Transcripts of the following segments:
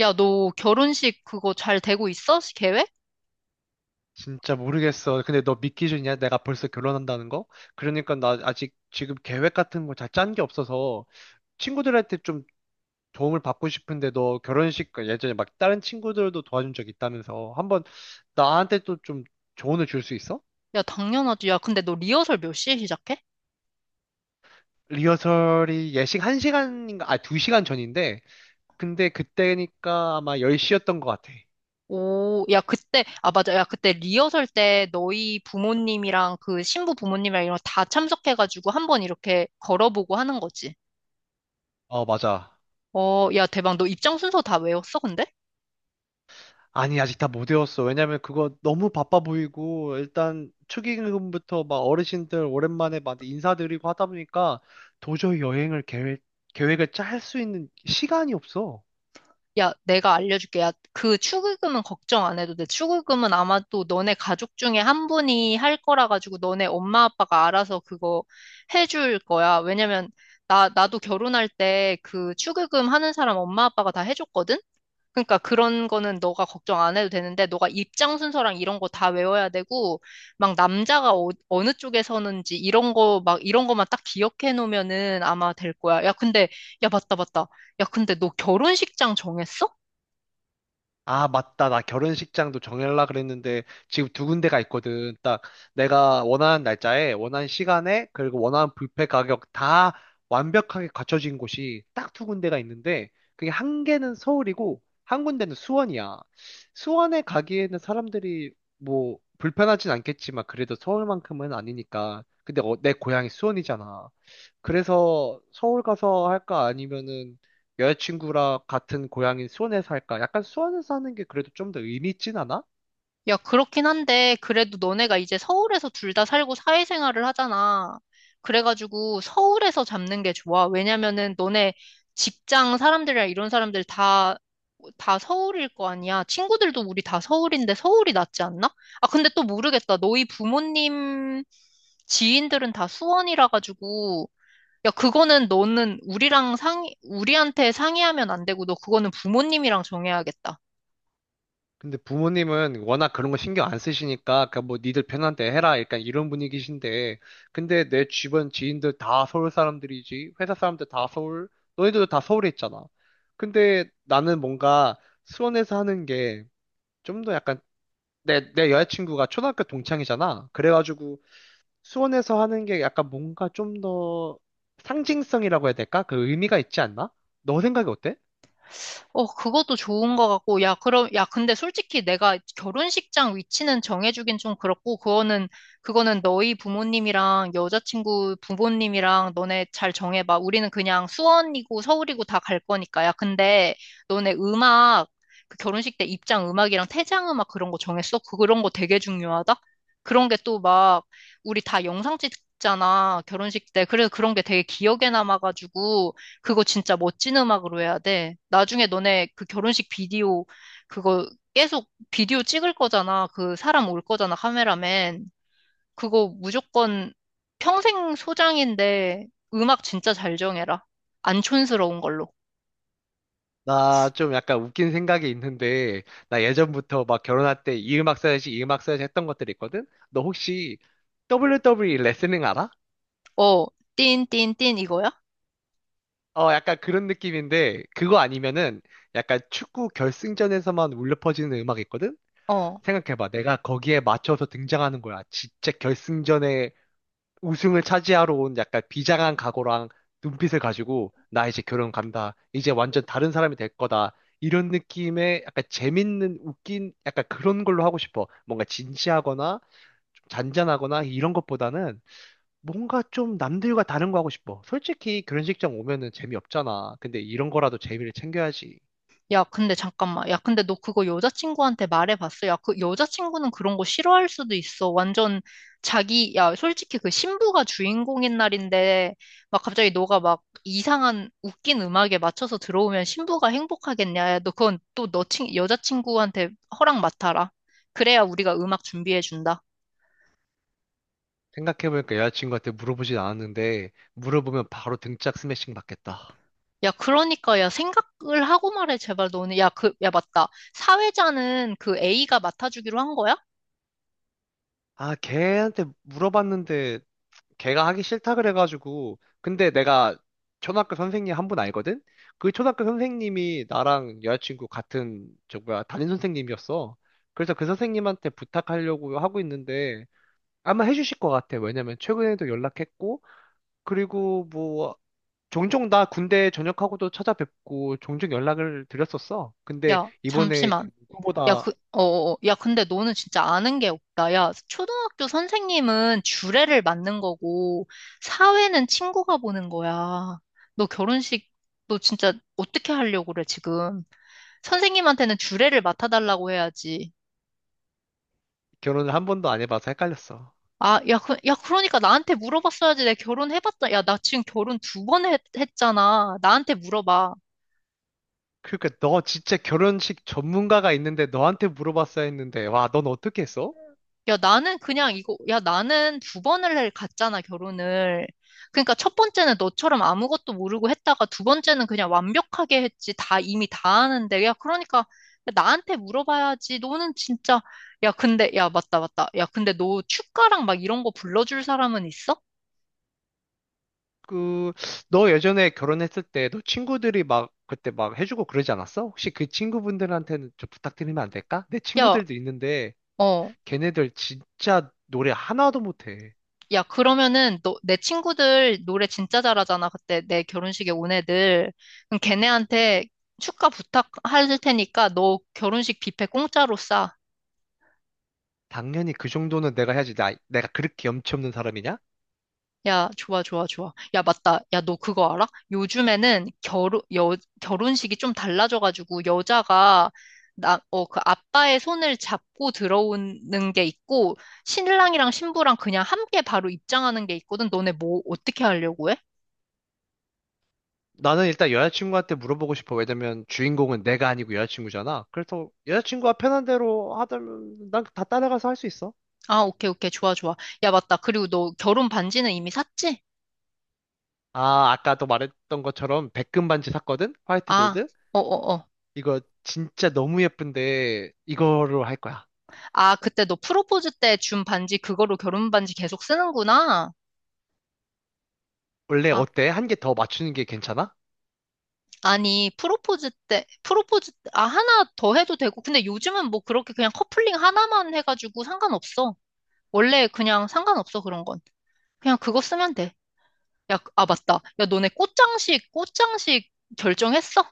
야, 너 결혼식 그거 잘 되고 있어? 계획? 진짜 모르겠어. 근데 너 믿기 싫냐? 내가 벌써 결혼한다는 거? 그러니까 나 아직 지금 계획 같은 거 잘 짠 게 없어서 친구들한테 좀 도움을 받고 싶은데 너 결혼식 그 예전에 막 다른 친구들도 도와준 적 있다면서 한번 나한테 또 좀 조언을 줄 수 있어? 야, 당연하지. 야, 근데 너 리허설 몇 시에 시작해? 리허설이 예식 1시간인가? 아, 2시간 전인데 근데 그때니까 아마 10시였던 것 같아. 오, 야, 그때, 아, 맞아. 야, 그때 리허설 때 너희 부모님이랑 그 신부 부모님이랑 이런 거 다 참석해가지고 한 번 이렇게 걸어보고 하는 거지. 어, 맞아. 어, 야, 대박. 너 입장 순서 다 외웠어, 근데? 아니, 아직 다 못 외웠어. 왜냐면 그거 너무 바빠 보이고, 일단 축의금부터 막 어르신들 오랜만에 막 인사드리고 하다 보니까 도저히 여행을 계획을 짤 수 있는 시간이 없어. 야, 내가 알려줄게. 야, 그 축의금은 걱정 안 해도 돼. 축의금은 아마 도 너네 가족 중에 한 분이 할 거라 가지고 너네 엄마 아빠가 알아서 그거 해줄 거야. 왜냐면 나도 결혼할 때 그 축의금 하는 사람 엄마 아빠가 다 해줬거든? 그러니까 그런 거는 너가 걱정 안 해도 되는데 너가 입장 순서랑 이런 거 다 외워야 되고 막 남자가 어, 어느 쪽에 서는지 이런 거 막 이런 거만 딱 기억해 놓으면은 아마 될 거야. 야, 근데 야, 맞다, 맞다. 야, 근데 너 결혼식장 정했어? 아, 맞다. 나 결혼식장도 정하려고 그랬는데 지금 두 군데가 있거든. 딱 내가 원하는 날짜에, 원하는 시간에, 그리고 원하는 뷔페 가격 다 완벽하게 갖춰진 곳이 딱 두 군데가 있는데 그게 한 개는 서울이고 한 군데는 수원이야. 수원에 가기에는 사람들이 뭐 불편하진 않겠지만 그래도 서울만큼은 아니니까. 근데 내 고향이 수원이잖아. 그래서 서울 가서 할까 아니면은 여자친구랑 같은 고향인 수원에서 할까? 약간 수원에서 하는 게 그래도 좀 더 의미 있진 않아? 야, 그렇긴 한데, 그래도 너네가 이제 서울에서 둘 다 살고 사회생활을 하잖아. 그래가지고 서울에서 잡는 게 좋아. 왜냐면은 너네 직장 사람들이랑 이런 사람들 다 서울일 거 아니야. 친구들도 우리 다 서울인데 서울이 낫지 않나? 아, 근데 또 모르겠다. 너희 부모님 지인들은 다 수원이라 가지고, 야, 그거는 너는 우리랑 우리한테 상의하면 안 되고, 너 그거는 부모님이랑 정해야겠다. 근데 부모님은 워낙 그런 거 신경 안 쓰시니까 그냥 뭐 니들 편한 데 해라 약간 이런 분위기신데 근데 내 주변 지인들 다 서울 사람들이지 회사 사람들 다 서울 너희들도 다 서울에 있잖아 근데 나는 뭔가 수원에서 하는 게 좀 더 약간 내 여자친구가 초등학교 동창이잖아 그래가지고 수원에서 하는 게 약간 뭔가 좀 더 상징성이라고 해야 될까? 그 의미가 있지 않나? 너 생각이 어때? 어, 그것도 좋은 것 같고, 야, 그럼, 야, 근데 솔직히 내가 결혼식장 위치는 정해주긴 좀 그렇고, 그거는 너희 부모님이랑 여자친구 부모님이랑 너네 잘 정해봐. 우리는 그냥 수원이고 서울이고 다 갈 거니까. 야, 근데 너네 그 결혼식 때 입장 음악이랑 퇴장 음악 그런 거 정했어? 그런 거 되게 중요하다? 그런 게 또 막, 우리 다 영상 찍잖아, 결혼식 때. 그래서 그런 게 되게 기억에 남아가지고, 그거 진짜 멋진 음악으로 해야 돼. 나중에 너네 그 결혼식 비디오 그거 계속 비디오 찍을 거잖아. 그 사람 올 거잖아, 카메라맨. 그거 무조건 평생 소장인데 음악 진짜 잘 정해라. 안 촌스러운 걸로. 나 좀 약간 웃긴 생각이 있는데, 나 예전부터 막 결혼할 때 이 음악 써야지, 이 음악 써야지 했던 것들이 있거든? 너 혹시 WWE 레슬링 알아? 어, 띵, 띵, 띵 이거야? 어, 약간 그런 느낌인데, 그거 아니면은 약간 축구 결승전에서만 울려 퍼지는 음악이 있거든? 어. 생각해봐. 내가 거기에 맞춰서 등장하는 거야. 진짜 결승전에 우승을 차지하러 온 약간 비장한 각오랑 눈빛을 가지고 나 이제 결혼 간다. 이제 완전 다른 사람이 될 거다. 이런 느낌의 약간 재밌는 웃긴 약간 그런 걸로 하고 싶어. 뭔가 진지하거나 좀 잔잔하거나 이런 것보다는 뭔가 좀 남들과 다른 거 하고 싶어. 솔직히 결혼식장 오면은 재미없잖아. 근데 이런 거라도 재미를 챙겨야지. 야, 근데 잠깐만. 야, 근데 너 그거 여자친구한테 말해봤어? 야, 그 여자친구는 그런 거 싫어할 수도 있어. 완전 야, 솔직히 그 신부가 주인공인 날인데, 막 갑자기 너가 막 이상한 웃긴 음악에 맞춰서 들어오면 신부가 행복하겠냐? 야, 너 그건 또 너 여자친구한테 허락 맡아라. 그래야 우리가 음악 준비해준다. 생각해보니까 여자친구한테 물어보진 않았는데 물어보면 바로 등짝 스매싱 받겠다. 야, 그러니까, 야, 생각을 하고 말해, 제발 너는. 야, 야, 맞다. 사회자는 그 A가 맡아주기로 한 거야? 아, 걔한테 물어봤는데 걔가 하기 싫다 그래가지고 근데 내가 초등학교 선생님 한 분 알거든? 그 초등학교 선생님이 나랑 여자친구 같은 저 뭐야 담임 선생님이었어. 그래서 그 선생님한테 부탁하려고 하고 있는데 아마 해주실 것 같아. 왜냐면 최근에도 연락했고 그리고 뭐 종종 나 군대 전역하고도 찾아뵙고 종종 연락을 드렸었어. 근데 야, 이번에 그 잠시만. 누보 야, 다 야, 근데 너는 진짜 아는 게 없다. 야, 초등학교 선생님은 주례를 맡는 거고, 사회는 친구가 보는 거야. 너 결혼식, 너 진짜 어떻게 하려고 그래, 지금? 선생님한테는 주례를 맡아달라고 해야지. 결혼을 한 번도 안 해봐서 헷갈렸어. 아, 야, 야, 그러니까 나한테 물어봤어야지. 내 결혼해봤자. 야, 나 지금 결혼 두 번 했잖아. 나한테 물어봐. 그러니까 너 진짜 결혼식 전문가가 있는데 너한테 물어봤어야 했는데 와, 넌 어떻게 했어? 야, 나는 야, 나는 갔잖아, 결혼을. 그러니까 첫 번째는 너처럼 아무것도 모르고 했다가 두 번째는 그냥 완벽하게 했지. 이미 다 아는데. 야, 그러니까 나한테 물어봐야지. 너는 진짜, 야, 근데, 야, 맞다, 맞다. 야, 근데 너 축가랑 막 이런 거 불러줄 사람은 있어? 그, 너 예전에 결혼했을 때 너 친구들이 막 그때 막 해주고 그러지 않았어? 혹시 그 친구분들한테는 좀 부탁드리면 안 될까? 내 야, 친구들도 있는데 어. 걔네들 진짜 노래 하나도 못해. 야, 그러면은 너, 내 친구들 노래 진짜 잘하잖아. 그때 내 결혼식에 온 애들. 그럼 걔네한테 축가 부탁할 테니까 너 결혼식 뷔페 공짜로 싸. 당연히 그 정도는 내가 해야지. 나, 내가 그렇게 염치 없는 사람이냐? 야, 좋아, 좋아, 좋아. 야, 맞다. 야, 너 그거 알아? 요즘에는 결혼식이 좀 달라져가지고 여자가 그 아빠의 손을 잡고 들어오는 게 있고 신랑이랑 신부랑 그냥 함께 바로 입장하는 게 있거든. 너네 뭐 어떻게 하려고 해? 나는 일단 여자친구한테 물어보고 싶어. 왜냐면 주인공은 내가 아니고 여자친구잖아. 그래서 여자친구가 편한 대로 하다면 난 다 따라가서 할 수 있어. 아, 오케이, 오케이. 좋아, 좋아. 야, 맞다. 그리고 너 결혼 반지는 이미 샀지? 아, 아까도 말했던 것처럼 백금 반지 샀거든? 화이트 아, 골드? 어, 어, 어. 이거 진짜 너무 예쁜데 이거로 할 거야. 아, 그때 너 프로포즈 때 준 반지 그거로 결혼 반지 계속 쓰는구나. 원래 아, 어때? 한 개 더 맞추는 게 괜찮아? 아니, 아, 하나 더 해도 되고. 근데 요즘은 뭐 그렇게 그냥 커플링 하나만 해가지고 상관없어. 원래 그냥 상관없어, 그런 건. 그냥 그거 쓰면 돼. 야, 아, 맞다. 야, 너네 꽃장식 결정했어?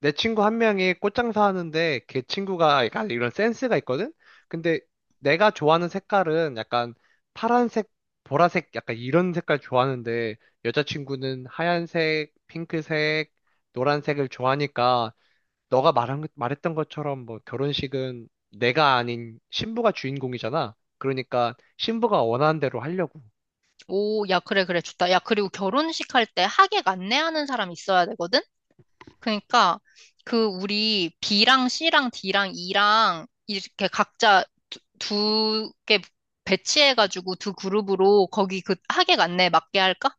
내 친구 한 명이 꽃장사 하는데 걔 친구가 약간 이런 센스가 있거든? 근데 내가 좋아하는 색깔은 약간 파란색, 보라색 약간 이런 색깔 좋아하는데 여자친구는 하얀색, 핑크색, 노란색을 좋아하니까 너가 말했던 것처럼 뭐 결혼식은 내가 아닌 신부가 주인공이잖아. 그러니까 신부가 원하는 대로 하려고. 오, 야, 그래, 그래, 좋다. 야, 그리고 결혼식 할 때 하객 안내하는 사람 있어야 되거든? 그러니까 그 우리 B랑 C랑 D랑 E랑 이렇게 각자 두 개 배치해가지고 두 그룹으로 거기 그하액 안내 맞게 할까?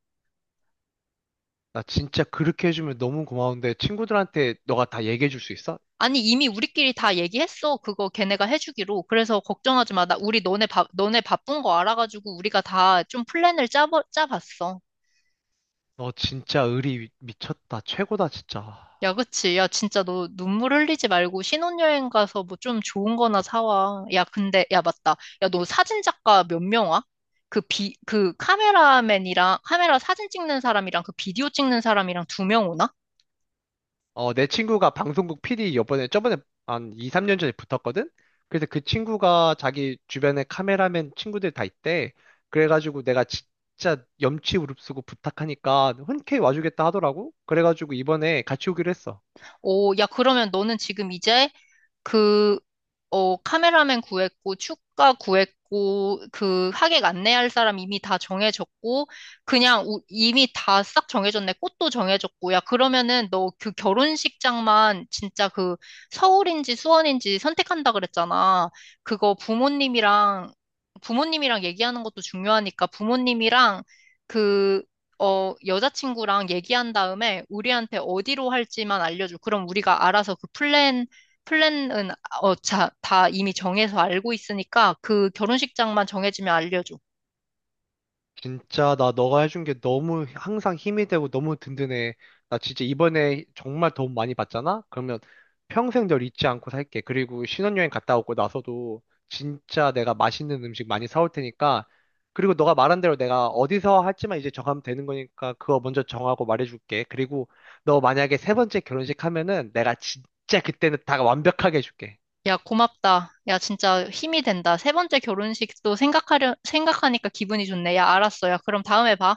나 진짜 그렇게 해주면 너무 고마운데 친구들한테 너가 다 얘기해 줄 수 있어? 아니 이미 우리끼리 다 얘기했어. 그거 걔네가 해주기로. 그래서 걱정하지 마. 나 우리 너네 너네 바쁜 거 알아가지고 우리가 다 좀 플랜을 짜 짜봤어. 너 진짜 의리 미쳤다. 최고다, 진짜. 야, 그치. 야, 진짜 너 눈물 흘리지 말고 신혼여행 가서 뭐 좀 좋은 거나 사와. 야, 근데, 야, 맞다. 야, 너 사진작가 몇 명 와? 그 그 카메라맨이랑, 카메라 사진 찍는 사람이랑 그 비디오 찍는 사람이랑 두 명 오나? 어, 내 친구가 방송국 PD 이번에 저번에 한 2, 3년 전에 붙었거든? 그래서 그 친구가 자기 주변에 카메라맨 친구들 다 있대. 그래가지고 내가 진짜 염치 무릅쓰고 부탁하니까 흔쾌히 와주겠다 하더라고. 그래가지고 이번에 같이 오기로 했어. 오, 야, 그러면 너는 지금 이제 그, 어, 카메라맨 구했고, 축가 구했고, 그 하객 안내할 사람 이미 다 정해졌고, 그냥 이미 다 싹 정해졌네. 꽃도 정해졌고, 야, 그러면은 너 그 결혼식장만 진짜 그 서울인지 수원인지 선택한다 그랬잖아. 그거 부모님이랑, 부모님이랑 얘기하는 것도 중요하니까 부모님이랑 그, 어, 여자친구랑 얘기한 다음에 우리한테 어디로 할지만 알려줘. 그럼 우리가 알아서 그 플랜은 어, 자, 다 이미 정해서 알고 있으니까 그 결혼식장만 정해지면 알려줘. 진짜 나 너가 해준 게 너무 항상 힘이 되고 너무 든든해. 나 진짜 이번에 정말 도움 많이 받잖아? 그러면 평생 널 잊지 않고 살게. 그리고 신혼여행 갔다 오고 나서도 진짜 내가 맛있는 음식 많이 사올 테니까. 그리고 너가 말한 대로 내가 어디서 할지만 이제 정하면 되는 거니까 그거 먼저 정하고 말해줄게. 그리고 너 만약에 세 번째 결혼식 하면은 내가 진짜 그때는 다 완벽하게 해줄게. 야, 고맙다. 야, 진짜 힘이 된다. 세 번째 결혼식도 생각하니까 기분이 좋네. 야, 알았어. 야, 그럼 다음에 봐.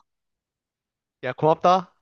야, 고맙다.